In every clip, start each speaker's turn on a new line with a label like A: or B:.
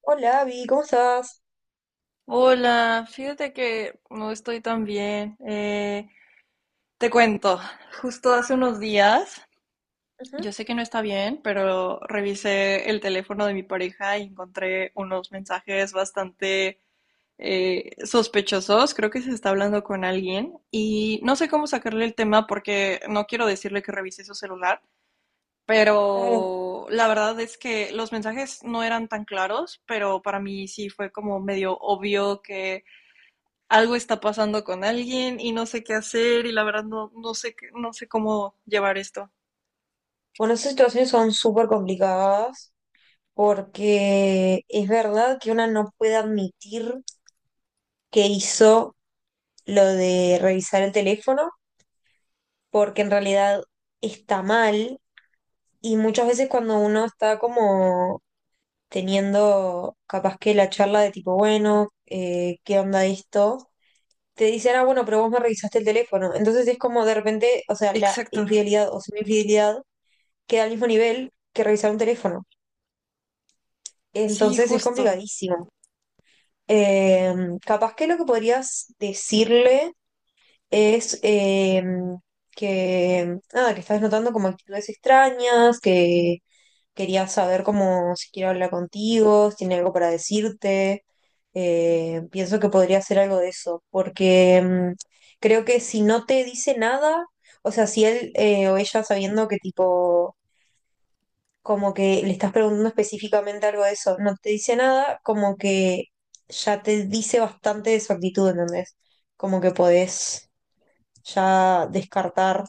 A: Hola, Abby, ¿cómo estás?
B: Hola, fíjate que no estoy tan bien. Te cuento, justo hace unos días,
A: Ujú.
B: yo sé que no está bien, pero revisé el teléfono de mi pareja y encontré unos mensajes bastante sospechosos. Creo que se está hablando con alguien y no sé cómo sacarle el tema porque no quiero decirle que revise su celular,
A: Claro.
B: pero la verdad es que los mensajes no eran tan claros, pero para mí sí fue como medio obvio que algo está pasando con alguien y no sé qué hacer y la verdad no, no sé cómo llevar esto.
A: Bueno, esas situaciones son súper complicadas porque es verdad que una no puede admitir que hizo lo de revisar el teléfono porque en realidad está mal, y muchas veces cuando uno está como teniendo capaz que la charla de tipo, bueno, ¿qué onda esto? Te dicen, ah, bueno, pero vos me revisaste el teléfono. Entonces es como de repente, o sea, la
B: Exacto,
A: infidelidad o semi-infidelidad queda al mismo nivel que revisar un teléfono.
B: sí,
A: Entonces es
B: justo.
A: complicadísimo. Eh, Capaz que lo que podrías decirle es que, nada, que estás notando como actitudes extrañas, que querías saber cómo si quiere hablar contigo, si tiene algo para decirte. Pienso que podría ser algo de eso, porque creo que si no te dice nada, o sea, si él o ella sabiendo que tipo como que le estás preguntando específicamente algo de eso, no te dice nada, como que ya te dice bastante de su actitud, ¿entendés? Como que podés ya descartar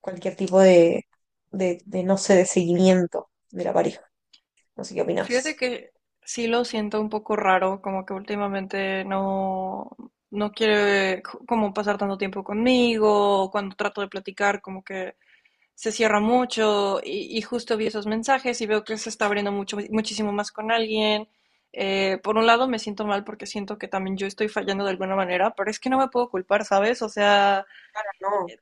A: cualquier tipo de, de, no sé, de seguimiento de la pareja. No sé qué
B: Fíjate
A: opinás.
B: que sí lo siento un poco raro, como que últimamente no quiere como pasar tanto tiempo conmigo, o cuando trato de platicar, como que se cierra mucho y justo vi esos mensajes y veo que se está abriendo mucho, muchísimo más con alguien. Por un lado me siento mal porque siento que también yo estoy fallando de alguna manera, pero es que no me puedo culpar, ¿sabes? O sea,
A: Claro, no.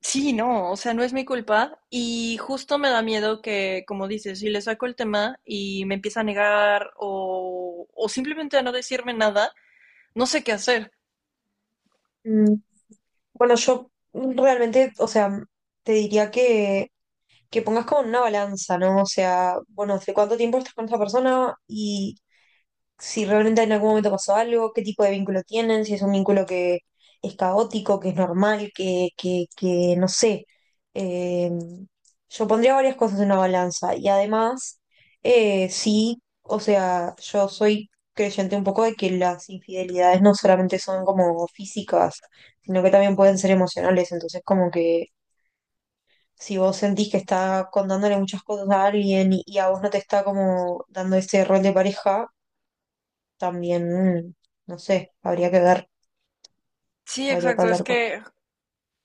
B: sí, no, o sea, no es mi culpa y justo me da miedo que, como dices, si le saco el tema y me empieza a negar o simplemente a no decirme nada, no sé qué hacer.
A: Mm, Bueno, yo realmente, o sea, te diría que pongas como en una balanza, ¿no? O sea, bueno, ¿hace cuánto tiempo estás con esa persona? Y si realmente en algún momento pasó algo, qué tipo de vínculo tienen, si es un vínculo que es caótico, que es normal, que no sé. Eh, yo pondría varias cosas en una balanza y además, sí, o sea, yo soy creyente un poco de que las infidelidades no solamente son como físicas, sino que también pueden ser emocionales, entonces como que... Si vos sentís que está contándole muchas cosas a alguien y a vos no te está como dando ese rol de pareja, también, no sé, habría que ver,
B: Sí,
A: habría que
B: exacto, es
A: hablar con
B: que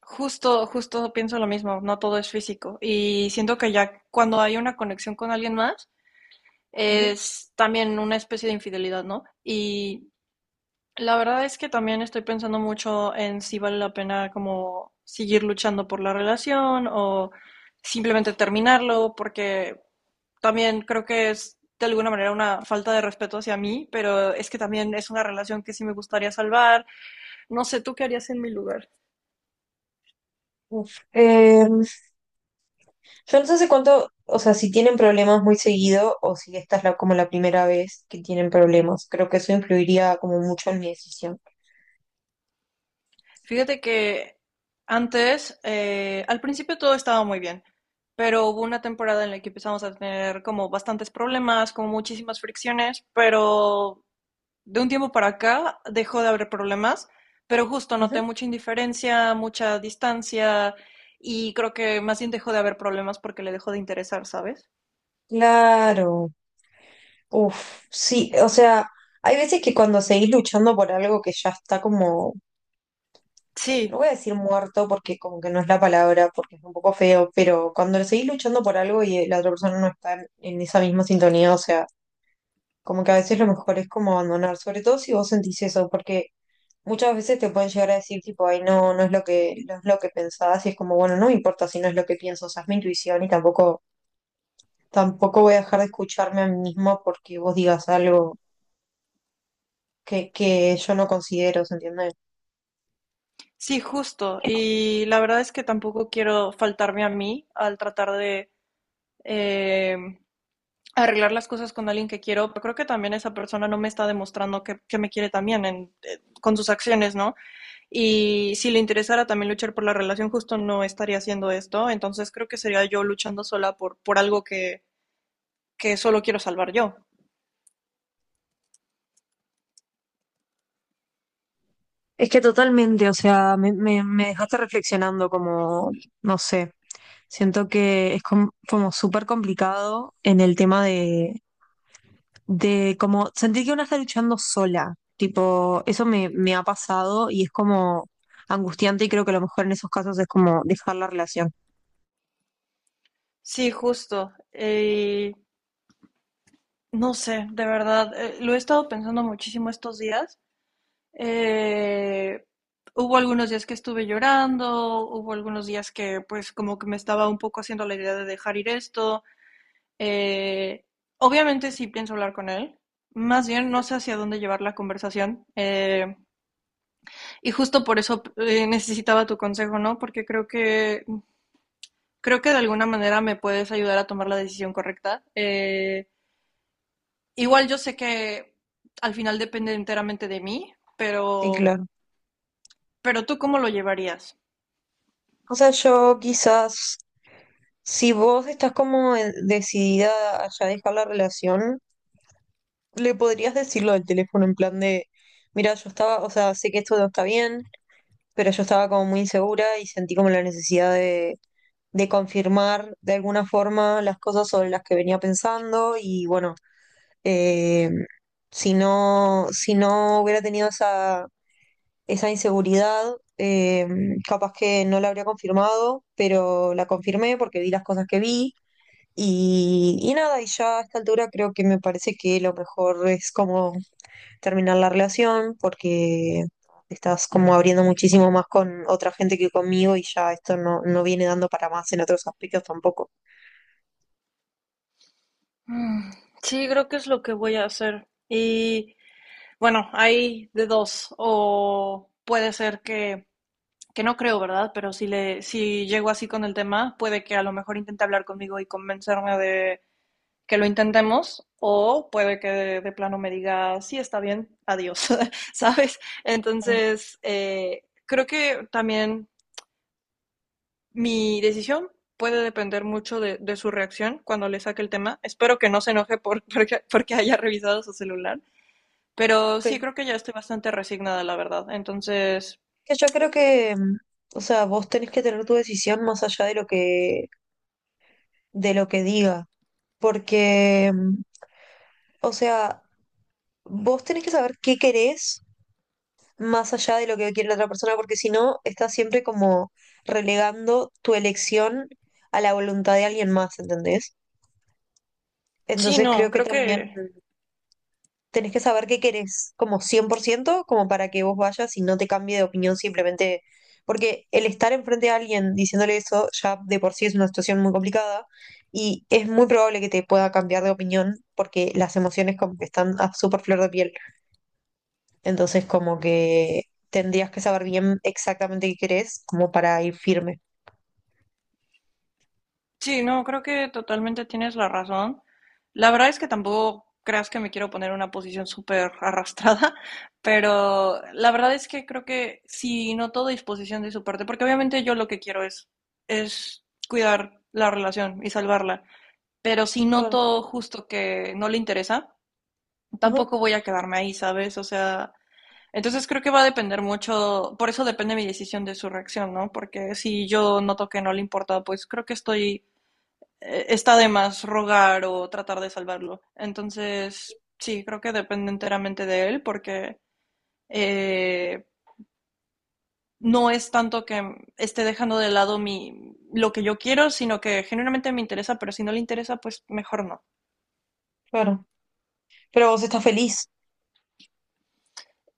B: justo pienso lo mismo, no todo es físico. Y siento que ya cuando hay una conexión con alguien más,
A: Ujú.
B: es también una especie de infidelidad, ¿no? Y la verdad es que también estoy pensando mucho en si vale la pena como seguir luchando por la relación o simplemente terminarlo, porque también creo que es de alguna manera una falta de respeto hacia mí, pero es que también es una relación que sí me gustaría salvar. No sé, ¿tú qué harías en mi lugar?
A: Uf. Yo no sé hace cuánto, o sea, si tienen problemas muy seguido o si esta es la, como la primera vez que tienen problemas. Creo que eso influiría como mucho en mi decisión.
B: Fíjate que antes, al principio todo estaba muy bien, pero hubo una temporada en la que empezamos a tener como bastantes problemas, como muchísimas fricciones, pero de un tiempo para acá dejó de haber problemas, pero justo
A: Ujú.
B: noté mucha indiferencia, mucha distancia y creo que más bien dejó de haber problemas porque le dejó de interesar, ¿sabes?
A: Claro. Uf, sí, o sea, hay veces que cuando seguís luchando por algo que ya está como, no
B: Sí,
A: voy a decir muerto porque como que no es la palabra, porque es un poco feo, pero cuando seguís luchando por algo y la otra persona no está en esa misma sintonía, o sea, como que a veces lo mejor es como abandonar, sobre todo si vos sentís eso, porque muchas veces te pueden llegar a decir tipo, ay, no, no es lo no es lo que pensabas, y es como, bueno, no me importa si no es lo que pienso, o sea, es mi intuición y tampoco voy a dejar de escucharme a mí mismo porque vos digas algo que yo no considero, ¿se entiende?
B: sí, justo. Y la verdad es que tampoco quiero faltarme a mí al tratar de... em, arreglar las cosas con alguien que quiero, pero creo que también esa persona no me está demostrando que me quiere también en, con sus acciones, ¿no? Y si le interesara también luchar por la relación, justo no estaría haciendo esto, entonces creo que sería yo luchando sola por algo que solo quiero salvar yo.
A: Es que totalmente, o sea, me dejaste reflexionando como, no sé, siento que es como súper complicado en el tema de como sentir que una está luchando sola, tipo, eso me ha pasado y es como angustiante, y creo que a lo mejor en esos casos es como dejar la relación.
B: Sí, justo. No sé, de verdad, lo he estado pensando muchísimo estos días. Eh, Hubo algunos días que estuve llorando, hubo algunos días que pues como que me estaba un poco haciendo la idea de dejar ir esto. Eh, Obviamente sí pienso hablar con él. Más bien no sé hacia dónde llevar la conversación. Y justo por eso necesitaba tu consejo, ¿no? Porque creo que de alguna manera me puedes ayudar a tomar la decisión correcta. Igual yo sé que al final depende enteramente de mí,
A: Sí,
B: pero,
A: claro.
B: ¿pero tú cómo lo llevarías?
A: O sea, yo quizás, si vos estás como decidida a ya dejar la relación, le podrías decirlo del teléfono en plan de, mira, yo estaba, o sea, sé que esto no está bien, pero yo estaba como muy insegura y sentí como la necesidad de confirmar de alguna forma las cosas sobre las que venía pensando y bueno, eh, si no, si no hubiera tenido esa, esa inseguridad, capaz que no la habría confirmado, pero la confirmé porque vi las cosas que vi y nada, y ya a esta altura creo que me parece que lo mejor es como terminar la relación porque estás como abriendo muchísimo más con otra gente que conmigo y ya esto no, no viene dando para más en otros aspectos tampoco.
B: Sí, creo que es lo que voy a hacer. Y bueno, hay de dos. O puede ser que no creo, ¿verdad? Pero si, le, si llego así con el tema, puede que a lo mejor intente hablar conmigo y convencerme de que lo intentemos, o puede que de plano me diga, sí, está bien, adiós, ¿sabes? Entonces, creo que también mi decisión puede depender mucho de su reacción cuando le saque el tema. Espero que no se enoje por, porque haya revisado su celular, pero sí
A: Que,
B: creo que ya estoy bastante resignada, la verdad. Entonces,
A: que yo creo que, o sea, vos tenés que tener tu decisión más allá de lo que diga, porque, o sea, vos tenés que saber qué querés más allá de lo que quiere la otra persona, porque si no, estás siempre como relegando tu elección a la voluntad de alguien más, ¿entendés?
B: sí,
A: Entonces
B: no,
A: creo que
B: creo
A: también
B: que
A: tenés que saber qué querés, como cien por ciento, como para que vos vayas y no te cambie de opinión simplemente, porque el estar enfrente de alguien diciéndole eso ya de por sí es una situación muy complicada y es muy probable que te pueda cambiar de opinión porque las emociones como que están a súper flor de piel. Entonces, como que tendrías que saber bien exactamente qué querés, como para ir firme.
B: sí, no, creo que totalmente tienes la razón. La verdad es que tampoco creas que me quiero poner en una posición súper arrastrada, pero la verdad es que creo que sí noto disposición de su parte, porque obviamente yo lo que quiero es cuidar la relación y salvarla, pero si
A: Claro,
B: noto justo que no le interesa,
A: ajá,
B: tampoco voy a quedarme ahí, ¿sabes? O sea, entonces creo que va a depender mucho, por eso depende mi decisión de su reacción, ¿no? Porque si yo noto que no le importa, pues creo que estoy está de más rogar o tratar de salvarlo. Entonces, sí, creo que depende enteramente de él porque eh, no es tanto que esté dejando de lado mi, lo que yo quiero, sino que genuinamente me interesa, pero si no le interesa, pues mejor no.
A: claro. Pero vos estás feliz.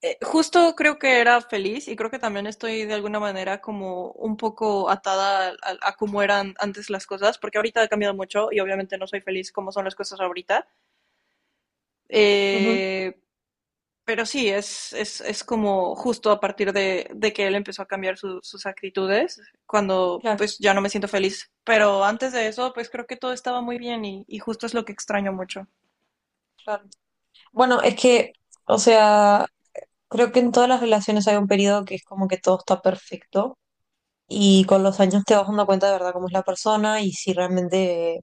B: Justo creo que era feliz y creo que también estoy de alguna manera como un poco atada a cómo eran antes las cosas, porque ahorita ha cambiado mucho y obviamente no soy feliz como son las cosas ahorita.
A: Ujú,
B: Eh, pero sí, es como justo a partir de que él empezó a cambiar su- sus actitudes, cuando
A: claro,
B: pues ya no me siento feliz. Pero antes de eso, pues creo que todo estaba muy bien y justo es lo que extraño mucho.
A: claro. Bueno, es que, o sea, creo que en todas las relaciones hay un periodo que es como que todo está perfecto, y con los años te vas dando cuenta de verdad cómo es la persona y si realmente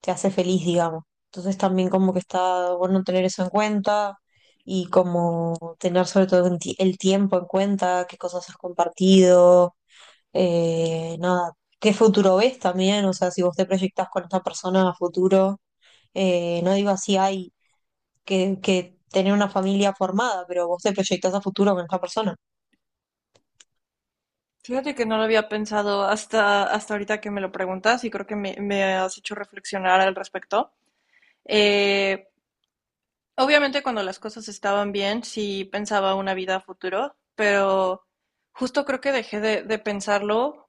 A: te hace feliz, digamos. Entonces también como que está bueno tener eso en cuenta y como tener sobre todo en el tiempo en cuenta, qué cosas has compartido, nada, qué futuro ves también, o sea, si vos te proyectás con esta persona a futuro, no digo así hay que tener una familia formada, pero vos te proyectás a futuro con esta persona,
B: Fíjate que no lo había pensado hasta, hasta ahorita que me lo preguntas y creo que me has hecho reflexionar al respecto. Eh, Obviamente cuando las cosas estaban bien, sí pensaba una vida a futuro, pero justo creo que dejé de pensarlo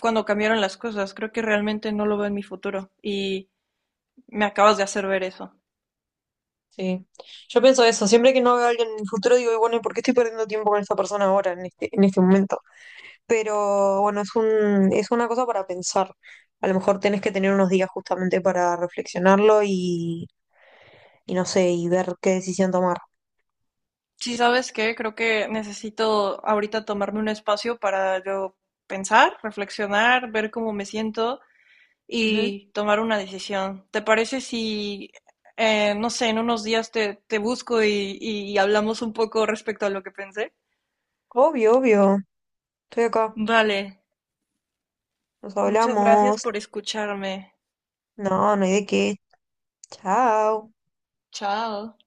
B: cuando cambiaron las cosas. Creo que realmente no lo veo en mi futuro y me acabas de hacer ver eso.
A: sí. Yo pienso eso, siempre que no veo a alguien en el futuro digo, "Y bueno, ¿y por qué estoy perdiendo tiempo con esta persona ahora, en este momento? Pero bueno, es es una cosa para pensar. A lo mejor tenés que tener unos días justamente para reflexionarlo y no sé, y ver qué decisión tomar.
B: Sí, ¿sabes qué? Creo que necesito ahorita tomarme un espacio para yo pensar, reflexionar, ver cómo me siento
A: Ujú.
B: y tomar una decisión. ¿Te parece si, no sé, en unos días te, te busco y hablamos un poco respecto a lo que pensé?
A: Obvio, obvio. Estoy acá.
B: Vale,
A: Nos
B: muchas gracias
A: hablamos.
B: por escucharme.
A: No, no hay de qué. Chao.
B: Chao.